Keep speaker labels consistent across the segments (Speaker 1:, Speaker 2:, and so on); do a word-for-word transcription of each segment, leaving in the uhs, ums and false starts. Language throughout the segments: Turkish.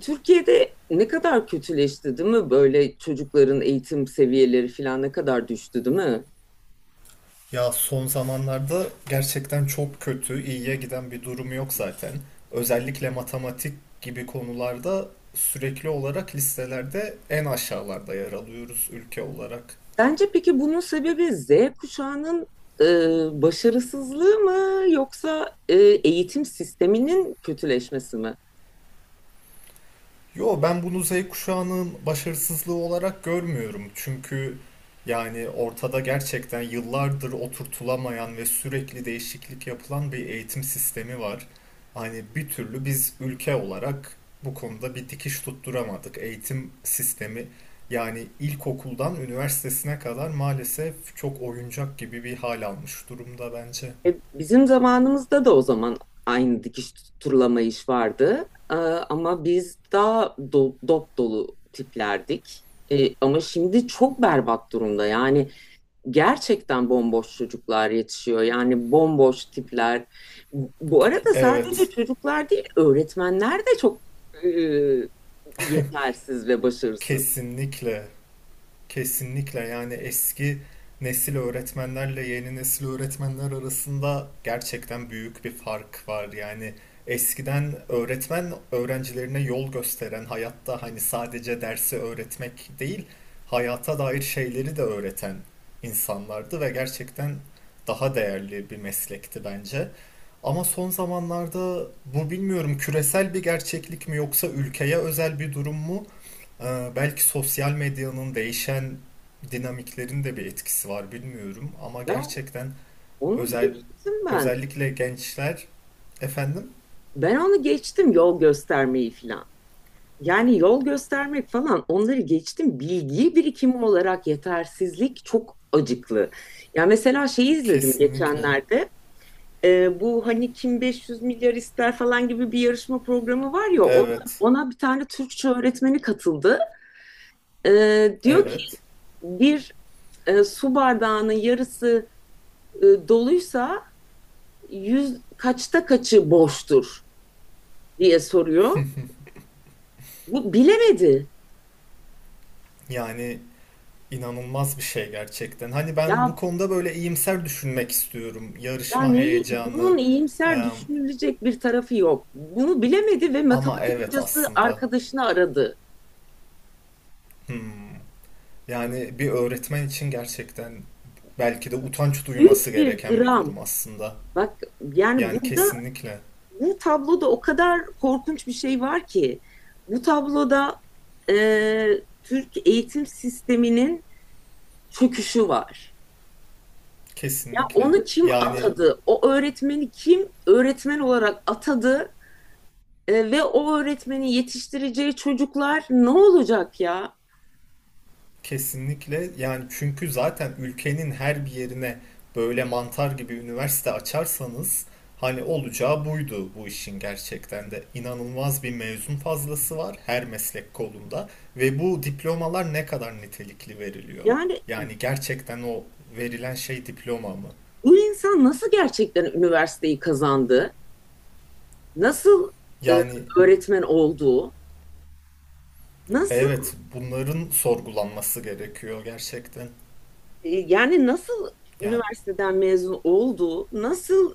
Speaker 1: Türkiye'de ne kadar kötüleşti, değil mi? Böyle çocukların eğitim seviyeleri falan ne kadar düştü, değil mi?
Speaker 2: Ya son zamanlarda gerçekten çok kötü, iyiye giden bir durum yok zaten. Özellikle matematik gibi konularda sürekli olarak listelerde en aşağılarda yer alıyoruz ülke olarak.
Speaker 1: Bence peki bunun sebebi Z kuşağının e, başarısızlığı mı yoksa e, eğitim sisteminin kötüleşmesi mi?
Speaker 2: Yo ben bunu Z kuşağının başarısızlığı olarak görmüyorum. Çünkü yani ortada gerçekten yıllardır oturtulamayan ve sürekli değişiklik yapılan bir eğitim sistemi var. Hani bir türlü biz ülke olarak bu konuda bir dikiş tutturamadık. Eğitim sistemi yani ilkokuldan üniversitesine kadar maalesef çok oyuncak gibi bir hal almış durumda bence.
Speaker 1: E, bizim zamanımızda da o zaman aynı dikiş tutturlama iş vardı. E, ama biz daha do- dop dolu tiplerdik. E, ama şimdi çok berbat durumda. Yani gerçekten bomboş çocuklar yetişiyor. Yani bomboş tipler. Bu arada sadece
Speaker 2: Evet,
Speaker 1: çocuklar değil, öğretmenler de çok e, yetersiz ve başarısız.
Speaker 2: kesinlikle. Kesinlikle yani eski nesil öğretmenlerle yeni nesil öğretmenler arasında gerçekten büyük bir fark var. Yani eskiden öğretmen öğrencilerine yol gösteren, hayatta hani sadece dersi öğretmek değil, hayata dair şeyleri de öğreten insanlardı ve gerçekten daha değerli bir meslekti bence. Ama son zamanlarda bu bilmiyorum küresel bir gerçeklik mi yoksa ülkeye özel bir durum mu? Ee, belki sosyal medyanın değişen dinamiklerin de bir etkisi var bilmiyorum ama
Speaker 1: Ya
Speaker 2: gerçekten
Speaker 1: onu
Speaker 2: özel
Speaker 1: geçtim ben.
Speaker 2: özellikle gençler efendim.
Speaker 1: Ben onu geçtim yol göstermeyi falan. Yani yol göstermek falan onları geçtim. Bilgi birikimi olarak yetersizlik çok acıklı. Ya mesela şey izledim
Speaker 2: Kesinlikle.
Speaker 1: geçenlerde. e, bu hani kim 500 milyar ister falan gibi bir yarışma programı var ya ona,
Speaker 2: Evet,
Speaker 1: ona bir tane Türkçe öğretmeni katıldı. E, diyor ki
Speaker 2: evet,
Speaker 1: bir e, su bardağının yarısı e, doluysa yüz kaçta kaçı boştur diye soruyor. Bu bilemedi.
Speaker 2: yani inanılmaz bir şey gerçekten. Hani ben bu
Speaker 1: Ya
Speaker 2: konuda böyle iyimser düşünmek istiyorum.
Speaker 1: ya
Speaker 2: Yarışma
Speaker 1: neyi,
Speaker 2: heyecanı.
Speaker 1: bunun iyimser
Speaker 2: e,
Speaker 1: düşünülecek bir tarafı yok. Bunu bilemedi ve
Speaker 2: Ama
Speaker 1: matematik
Speaker 2: evet
Speaker 1: hocası
Speaker 2: aslında
Speaker 1: arkadaşını aradı.
Speaker 2: hmm. Yani bir öğretmen için gerçekten belki de utanç duyması
Speaker 1: Büyük bir
Speaker 2: gereken bir
Speaker 1: dram.
Speaker 2: durum aslında.
Speaker 1: Bak yani
Speaker 2: Yani
Speaker 1: burada
Speaker 2: kesinlikle.
Speaker 1: bu tabloda o kadar korkunç bir şey var ki bu tabloda e, Türk eğitim sisteminin çöküşü var. Ya
Speaker 2: Kesinlikle.
Speaker 1: onu kim
Speaker 2: Yani
Speaker 1: atadı? O öğretmeni kim öğretmen olarak atadı? E, ve o öğretmeni yetiştireceği çocuklar ne olacak ya?
Speaker 2: kesinlikle Yani çünkü zaten ülkenin her bir yerine böyle mantar gibi üniversite açarsanız hani olacağı buydu bu işin gerçekten de. İnanılmaz bir mezun fazlası var her meslek kolunda ve bu diplomalar ne kadar nitelikli veriliyor?
Speaker 1: Yani
Speaker 2: Yani gerçekten o verilen şey diploma mı?
Speaker 1: bu insan nasıl gerçekten üniversiteyi kazandı? Nasıl e,
Speaker 2: Yani
Speaker 1: öğretmen oldu? Nasıl
Speaker 2: evet bunların sorgulanması gerekiyor gerçekten.
Speaker 1: E, Yani nasıl
Speaker 2: Yani
Speaker 1: üniversiteden mezun oldu? Nasıl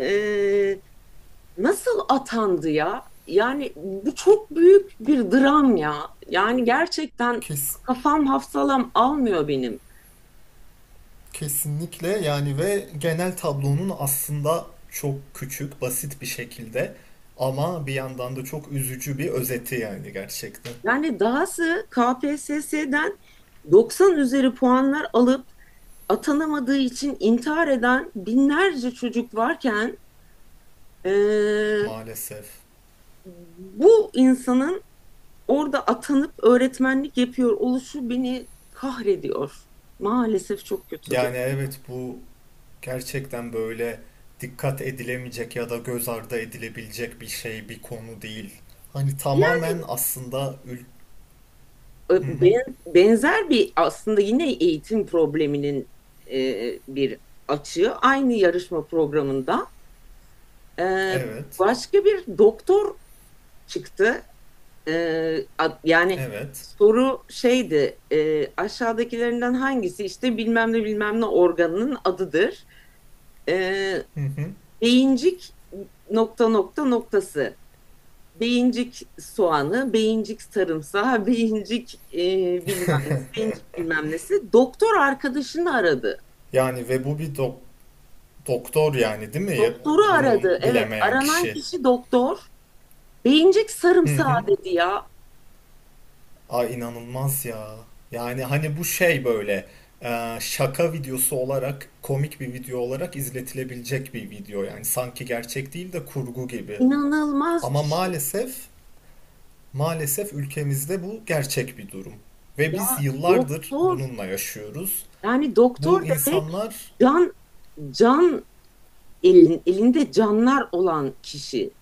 Speaker 1: e, nasıl atandı ya? Yani bu çok büyük bir dram ya. Yani gerçekten
Speaker 2: kes
Speaker 1: kafam hafsalam almıyor benim.
Speaker 2: Kesinlikle yani ve genel tablonun aslında çok küçük, basit bir şekilde ama bir yandan da çok üzücü bir özeti yani gerçekten
Speaker 1: Yani dahası K P S S'den doksan üzeri puanlar alıp atanamadığı için intihar eden binlerce çocuk varken e,
Speaker 2: maalesef.
Speaker 1: bu insanın orada atanıp öğretmenlik yapıyor oluşu beni kahrediyor. Maalesef çok kötüdür.
Speaker 2: Yani evet bu gerçekten böyle dikkat edilemeyecek ya da göz ardı edilebilecek bir şey, bir konu değil. Hani
Speaker 1: Yani
Speaker 2: tamamen aslında ül-.
Speaker 1: e,
Speaker 2: Hı hı.
Speaker 1: ben- benzer bir aslında yine eğitim probleminin e, bir açığı aynı yarışma programında e,
Speaker 2: Evet.
Speaker 1: başka bir doktor çıktı. E, yani
Speaker 2: Evet.
Speaker 1: soru şeydi e, aşağıdakilerinden hangisi işte bilmem ne bilmem ne organının adıdır. E,
Speaker 2: Hı hı.
Speaker 1: beyincik nokta nokta noktası. Beyincik soğanı, beyincik sarımsağı, beyincik e, bilmem nesi, beyincik bilmem nesi. Doktor arkadaşını aradı.
Speaker 2: Yani ve bu bir dok- doktor yani değil mi?
Speaker 1: Doktoru
Speaker 2: Bunu
Speaker 1: aradı. Evet,
Speaker 2: bilemeyen
Speaker 1: aranan
Speaker 2: kişi.
Speaker 1: kişi doktor. Beyincik
Speaker 2: Hı
Speaker 1: sarımsağı
Speaker 2: hı.
Speaker 1: dedi ya.
Speaker 2: Ay inanılmaz ya. Yani hani bu şey böyle e, şaka videosu olarak komik bir video olarak izletilebilecek bir video yani sanki gerçek değil de kurgu gibi.
Speaker 1: İnanılmaz bir
Speaker 2: Ama
Speaker 1: şey.
Speaker 2: maalesef maalesef ülkemizde bu gerçek bir durum ve biz
Speaker 1: Ya
Speaker 2: yıllardır
Speaker 1: doktor,
Speaker 2: bununla yaşıyoruz.
Speaker 1: yani doktor
Speaker 2: Bu
Speaker 1: demek
Speaker 2: insanlar.
Speaker 1: can can elin, elinde canlar olan kişi.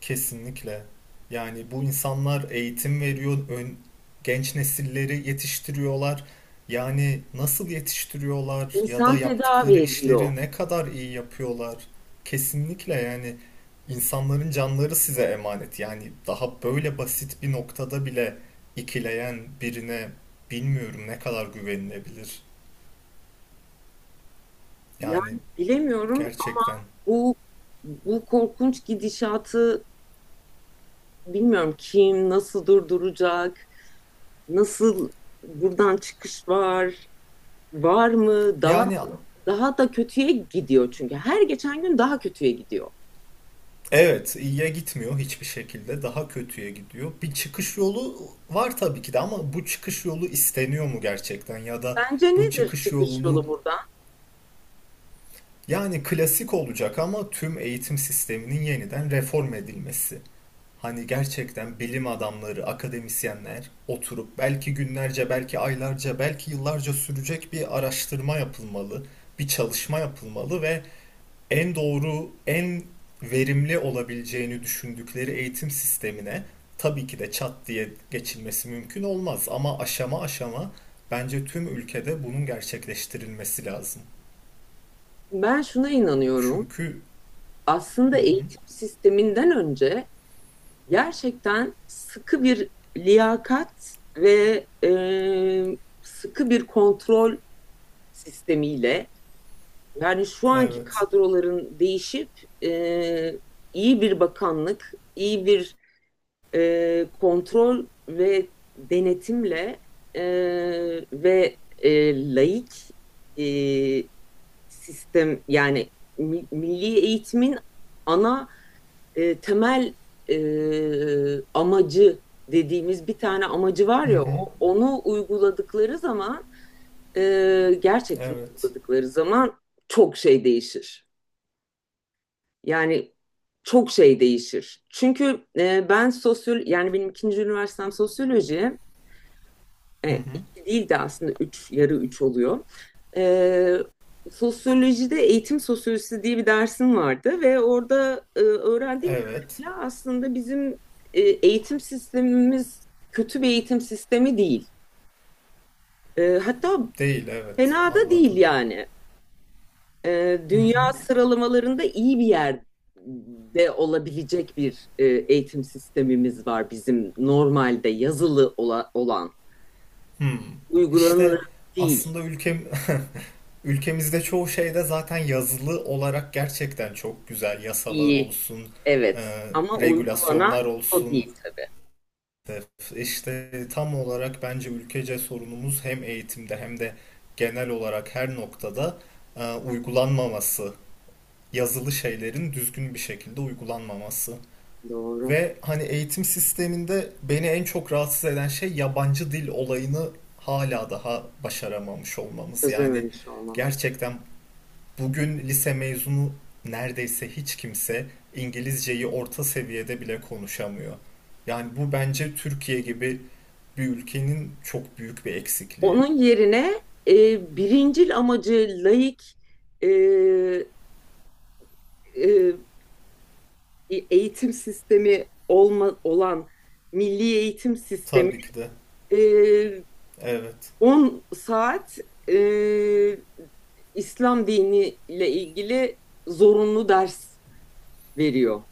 Speaker 2: Kesinlikle. Yani bu insanlar eğitim veriyor, ön- genç nesilleri yetiştiriyorlar. Yani nasıl yetiştiriyorlar ya
Speaker 1: İnsan
Speaker 2: da
Speaker 1: tedavi
Speaker 2: yaptıkları
Speaker 1: ediyor.
Speaker 2: işleri ne kadar iyi yapıyorlar? Kesinlikle yani insanların canları size emanet. Yani daha böyle basit bir noktada bile ikileyen birine bilmiyorum ne kadar güvenilebilir. Yani
Speaker 1: Yani bilemiyorum
Speaker 2: gerçekten.
Speaker 1: bu bu korkunç gidişatı bilmiyorum kim nasıl durduracak, nasıl buradan çıkış var, var mı? Daha
Speaker 2: Yani
Speaker 1: daha da kötüye gidiyor çünkü. Her geçen gün daha kötüye gidiyor.
Speaker 2: evet, iyiye gitmiyor hiçbir şekilde. Daha kötüye gidiyor. Bir çıkış yolu var tabii ki de ama bu çıkış yolu isteniyor mu gerçekten ya da
Speaker 1: Bence
Speaker 2: bu
Speaker 1: nedir
Speaker 2: çıkış
Speaker 1: çıkış
Speaker 2: yolunu
Speaker 1: yolu buradan?
Speaker 2: yani klasik olacak ama tüm eğitim sisteminin yeniden reform edilmesi. Hani gerçekten bilim adamları, akademisyenler oturup belki günlerce, belki aylarca, belki yıllarca sürecek bir araştırma yapılmalı, bir çalışma yapılmalı ve en doğru, en verimli olabileceğini düşündükleri eğitim sistemine tabii ki de çat diye geçilmesi mümkün olmaz ama aşama aşama bence tüm ülkede bunun gerçekleştirilmesi lazım.
Speaker 1: Ben şuna inanıyorum.
Speaker 2: Çünkü
Speaker 1: Aslında
Speaker 2: hı hı,
Speaker 1: eğitim sisteminden önce gerçekten sıkı bir liyakat ve e, sıkı bir kontrol sistemiyle. Yani şu anki
Speaker 2: evet.
Speaker 1: kadroların değişip e, iyi bir bakanlık, iyi bir e, kontrol ve denetimle e, ve e, laik e, sistem yani mi- milli eğitimin ana e, temel e, amacı dediğimiz bir tane amacı var
Speaker 2: Hı
Speaker 1: ya
Speaker 2: hı,
Speaker 1: onu uyguladıkları zaman e, gerçekten
Speaker 2: evet.
Speaker 1: uyguladıkları zaman çok şey değişir. Yani çok şey değişir. Çünkü e, ben sosyal yani benim ikinci üniversitem sosyoloji
Speaker 2: Hı
Speaker 1: e,
Speaker 2: hı,
Speaker 1: iki değil de aslında üç yarı üç oluyor. E, sosyolojide eğitim sosyolojisi diye bir dersim vardı ve orada e, öğrendiğim
Speaker 2: evet.
Speaker 1: kadarıyla aslında bizim e, eğitim sistemimiz kötü bir eğitim sistemi değil. E, hatta
Speaker 2: Değil, evet.
Speaker 1: fena da değil
Speaker 2: Anladım.
Speaker 1: yani. Ee,
Speaker 2: Hı hı.
Speaker 1: dünya sıralamalarında iyi bir yerde olabilecek bir e, eğitim sistemimiz var bizim normalde yazılı ola- olan.
Speaker 2: Hmm.
Speaker 1: Uygulanır
Speaker 2: İşte
Speaker 1: değil.
Speaker 2: aslında ülkem Ülkemizde çoğu şeyde zaten yazılı olarak gerçekten çok güzel yasalar
Speaker 1: İyi.
Speaker 2: olsun, e,
Speaker 1: Evet. Ama uygulanan
Speaker 2: regülasyonlar
Speaker 1: o
Speaker 2: olsun.
Speaker 1: değil tabii.
Speaker 2: İşte tam olarak bence ülkece sorunumuz hem eğitimde hem de genel olarak her noktada e, uygulanmaması, yazılı şeylerin düzgün bir şekilde uygulanmaması.
Speaker 1: Doğru.
Speaker 2: Ve hani eğitim sisteminde beni en çok rahatsız eden şey yabancı dil olayını hala daha başaramamış olmamız. Yani
Speaker 1: Çözememiş olmamız.
Speaker 2: gerçekten bugün lise mezunu neredeyse hiç kimse İngilizceyi orta seviyede bile konuşamıyor. Yani bu bence Türkiye gibi bir ülkenin çok büyük bir eksikliği.
Speaker 1: Onun yerine e, birincil amacı laik e, e, e, eğitim sistemi olma, olan milli eğitim sistemi
Speaker 2: Tabii ki de.
Speaker 1: e,
Speaker 2: Evet.
Speaker 1: on saat e, İslam diniyle ilgili zorunlu ders veriyor.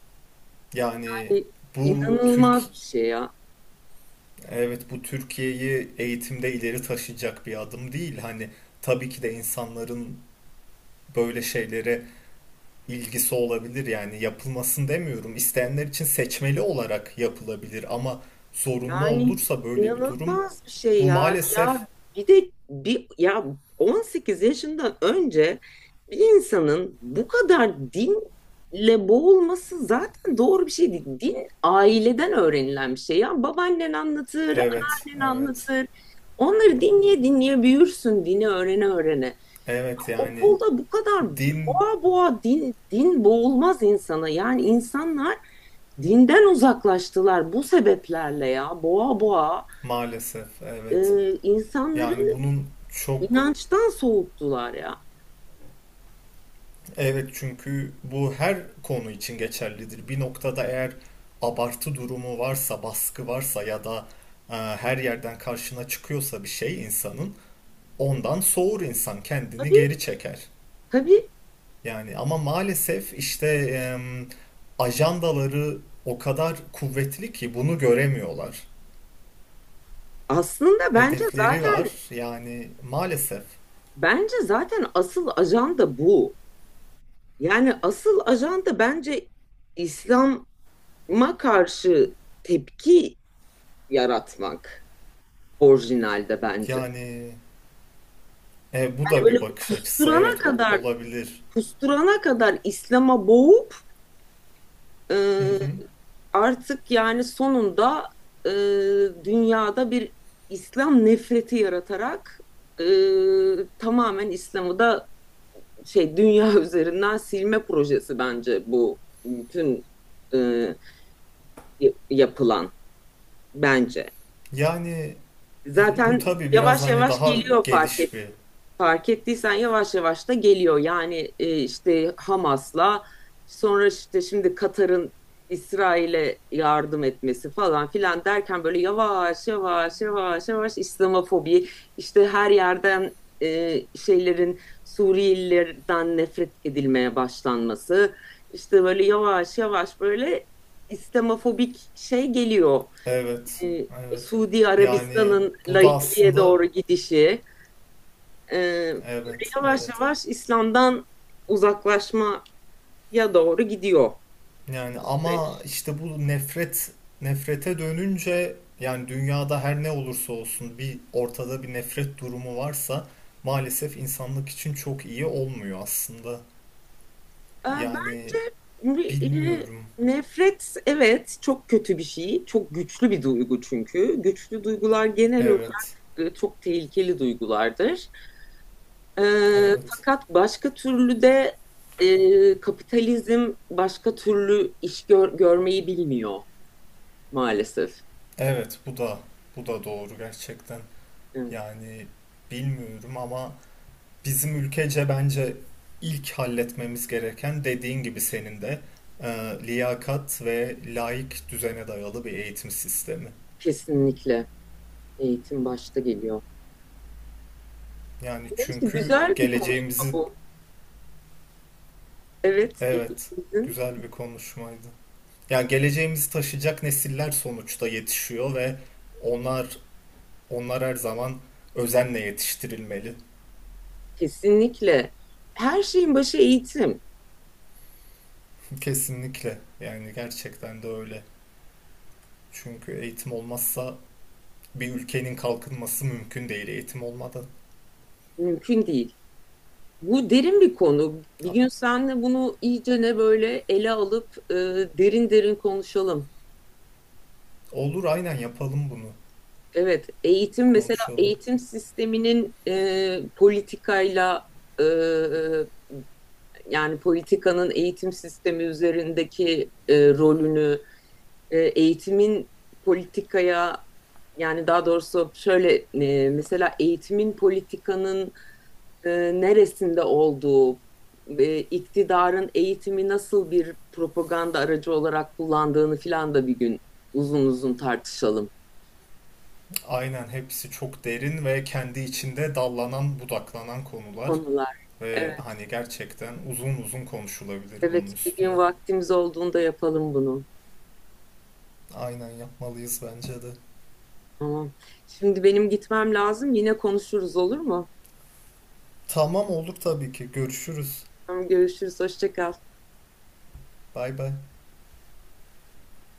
Speaker 2: Yani
Speaker 1: Yani
Speaker 2: bu Türk
Speaker 1: inanılmaz bir şey ya.
Speaker 2: Evet, bu Türkiye'yi eğitimde ileri taşıyacak bir adım değil. Hani tabii ki de insanların böyle şeylere ilgisi olabilir. Yani yapılmasın demiyorum. İsteyenler için seçmeli olarak yapılabilir ama zorunlu
Speaker 1: Yani
Speaker 2: olursa böyle bir durum.
Speaker 1: inanılmaz bir şey
Speaker 2: Bu
Speaker 1: ya.
Speaker 2: maalesef
Speaker 1: Ya bir de bir ya on sekiz yaşından önce bir insanın bu kadar dinle boğulması zaten doğru bir şey değil. Din aileden öğrenilen bir şey. Ya babaannen anlatır,
Speaker 2: evet,
Speaker 1: annen
Speaker 2: evet,
Speaker 1: anlatır. Onları dinleye dinleye büyürsün, dini öğrene öğrene.
Speaker 2: evet, yani
Speaker 1: Okulda bu kadar
Speaker 2: din
Speaker 1: boğa boğa din, din boğulmaz insana. Yani insanlar dinden uzaklaştılar bu sebeplerle ya. Boğa boğa
Speaker 2: maalesef evet,
Speaker 1: e, insanları
Speaker 2: yani bunun çok
Speaker 1: inançtan soğuttular ya.
Speaker 2: evet çünkü bu her konu için geçerlidir. Bir noktada eğer abartı durumu varsa baskı varsa ya da e, her yerden karşına çıkıyorsa bir şey insanın ondan soğur insan kendini
Speaker 1: Tabii
Speaker 2: geri çeker.
Speaker 1: tabii
Speaker 2: Yani ama maalesef işte em, ajandaları o kadar kuvvetli ki bunu göremiyorlar.
Speaker 1: aslında bence
Speaker 2: Hedefleri var.
Speaker 1: zaten
Speaker 2: Yani maalesef.
Speaker 1: bence zaten asıl ajanda bu. Yani asıl ajanda bence İslam'a karşı tepki yaratmak orijinalde bence.
Speaker 2: Yani e, bu
Speaker 1: Yani
Speaker 2: da bir
Speaker 1: böyle
Speaker 2: bakış açısı.
Speaker 1: kusturana
Speaker 2: Evet, o-
Speaker 1: kadar
Speaker 2: olabilir.
Speaker 1: kusturana kadar İslam'a boğup e,
Speaker 2: Hı hı.
Speaker 1: artık yani sonunda e, dünyada bir İslam nefreti yaratarak e, tamamen İslam'ı da şey dünya üzerinden silme projesi bence bu bütün e, yapılan bence.
Speaker 2: Yani bir- bu
Speaker 1: Zaten
Speaker 2: tabii biraz
Speaker 1: yavaş
Speaker 2: hani
Speaker 1: yavaş
Speaker 2: daha
Speaker 1: geliyor fark et.
Speaker 2: geniş bir.
Speaker 1: Fark ettiysen yavaş yavaş da geliyor. Yani e, işte Hamas'la sonra işte şimdi Katar'ın İsrail'e yardım etmesi falan filan derken böyle yavaş yavaş yavaş yavaş İslamofobi işte her yerden e, şeylerin Suriyelilerden nefret edilmeye başlanması işte böyle yavaş yavaş böyle İslamofobik şey geliyor.
Speaker 2: Evet.
Speaker 1: E,
Speaker 2: Evet.
Speaker 1: Suudi
Speaker 2: Yani
Speaker 1: Arabistan'ın
Speaker 2: bu da
Speaker 1: laikliğe
Speaker 2: aslında
Speaker 1: doğru gidişi. Ee, böyle
Speaker 2: evet,
Speaker 1: yavaş
Speaker 2: evet.
Speaker 1: yavaş İslam'dan uzaklaşmaya doğru gidiyor
Speaker 2: Yani ama
Speaker 1: süreç.
Speaker 2: işte bu nefret nefrete dönünce yani dünyada her ne olursa olsun bir ortada bir nefret durumu varsa maalesef insanlık için çok iyi olmuyor aslında.
Speaker 1: Ee,
Speaker 2: Yani
Speaker 1: bence e,
Speaker 2: bilmiyorum.
Speaker 1: nefret, evet, çok kötü bir şey. Çok güçlü bir duygu çünkü. Güçlü duygular genel
Speaker 2: Evet.
Speaker 1: olarak e, çok tehlikeli duygulardır. Ee,
Speaker 2: Evet.
Speaker 1: fakat başka türlü de e, kapitalizm başka türlü iş gör- görmeyi bilmiyor maalesef.
Speaker 2: Evet bu da bu da doğru gerçekten.
Speaker 1: Evet,
Speaker 2: Yani bilmiyorum ama bizim ülkece bence ilk halletmemiz gereken dediğin gibi senin de e, liyakat ve laik düzene dayalı bir eğitim sistemi.
Speaker 1: kesinlikle eğitim başta geliyor.
Speaker 2: Yani
Speaker 1: Neyse
Speaker 2: çünkü
Speaker 1: güzel bir konuşma
Speaker 2: geleceğimizi
Speaker 1: bu. Evet,
Speaker 2: Evet,
Speaker 1: geçmişimizin
Speaker 2: güzel bir konuşmaydı. Ya geleceğimizi taşıyacak nesiller sonuçta yetişiyor ve onlar onlar her zaman özenle yetiştirilmeli.
Speaker 1: kesinlikle. Her şeyin başı eğitim.
Speaker 2: Kesinlikle. Yani gerçekten de öyle. Çünkü eğitim olmazsa bir ülkenin kalkınması mümkün değil eğitim olmadan.
Speaker 1: Mümkün değil. Bu derin bir konu. Bir gün seninle bunu iyice ne böyle ele alıp e, derin derin konuşalım.
Speaker 2: Olur, aynen yapalım bunu.
Speaker 1: Evet, eğitim mesela
Speaker 2: Konuşalım.
Speaker 1: eğitim sisteminin e, politikayla e, yani politikanın eğitim sistemi üzerindeki e, rolünü e, eğitimin politikaya yani daha doğrusu şöyle e, mesela eğitimin politikanın e, neresinde olduğu, e, iktidarın eğitimi nasıl bir propaganda aracı olarak kullandığını filan da bir gün uzun uzun tartışalım
Speaker 2: Aynen hepsi çok derin ve kendi içinde dallanan, budaklanan konular
Speaker 1: konular.
Speaker 2: ve
Speaker 1: Evet,
Speaker 2: hani gerçekten uzun uzun konuşulabilir bunun
Speaker 1: evet bir
Speaker 2: üstüne.
Speaker 1: gün vaktimiz olduğunda yapalım bunu.
Speaker 2: Aynen yapmalıyız bence de.
Speaker 1: Tamam. Şimdi benim gitmem lazım. Yine konuşuruz olur mu?
Speaker 2: Tamam olduk tabii ki. Görüşürüz.
Speaker 1: Tamam, görüşürüz. Hoşça kal.
Speaker 2: Bay bay.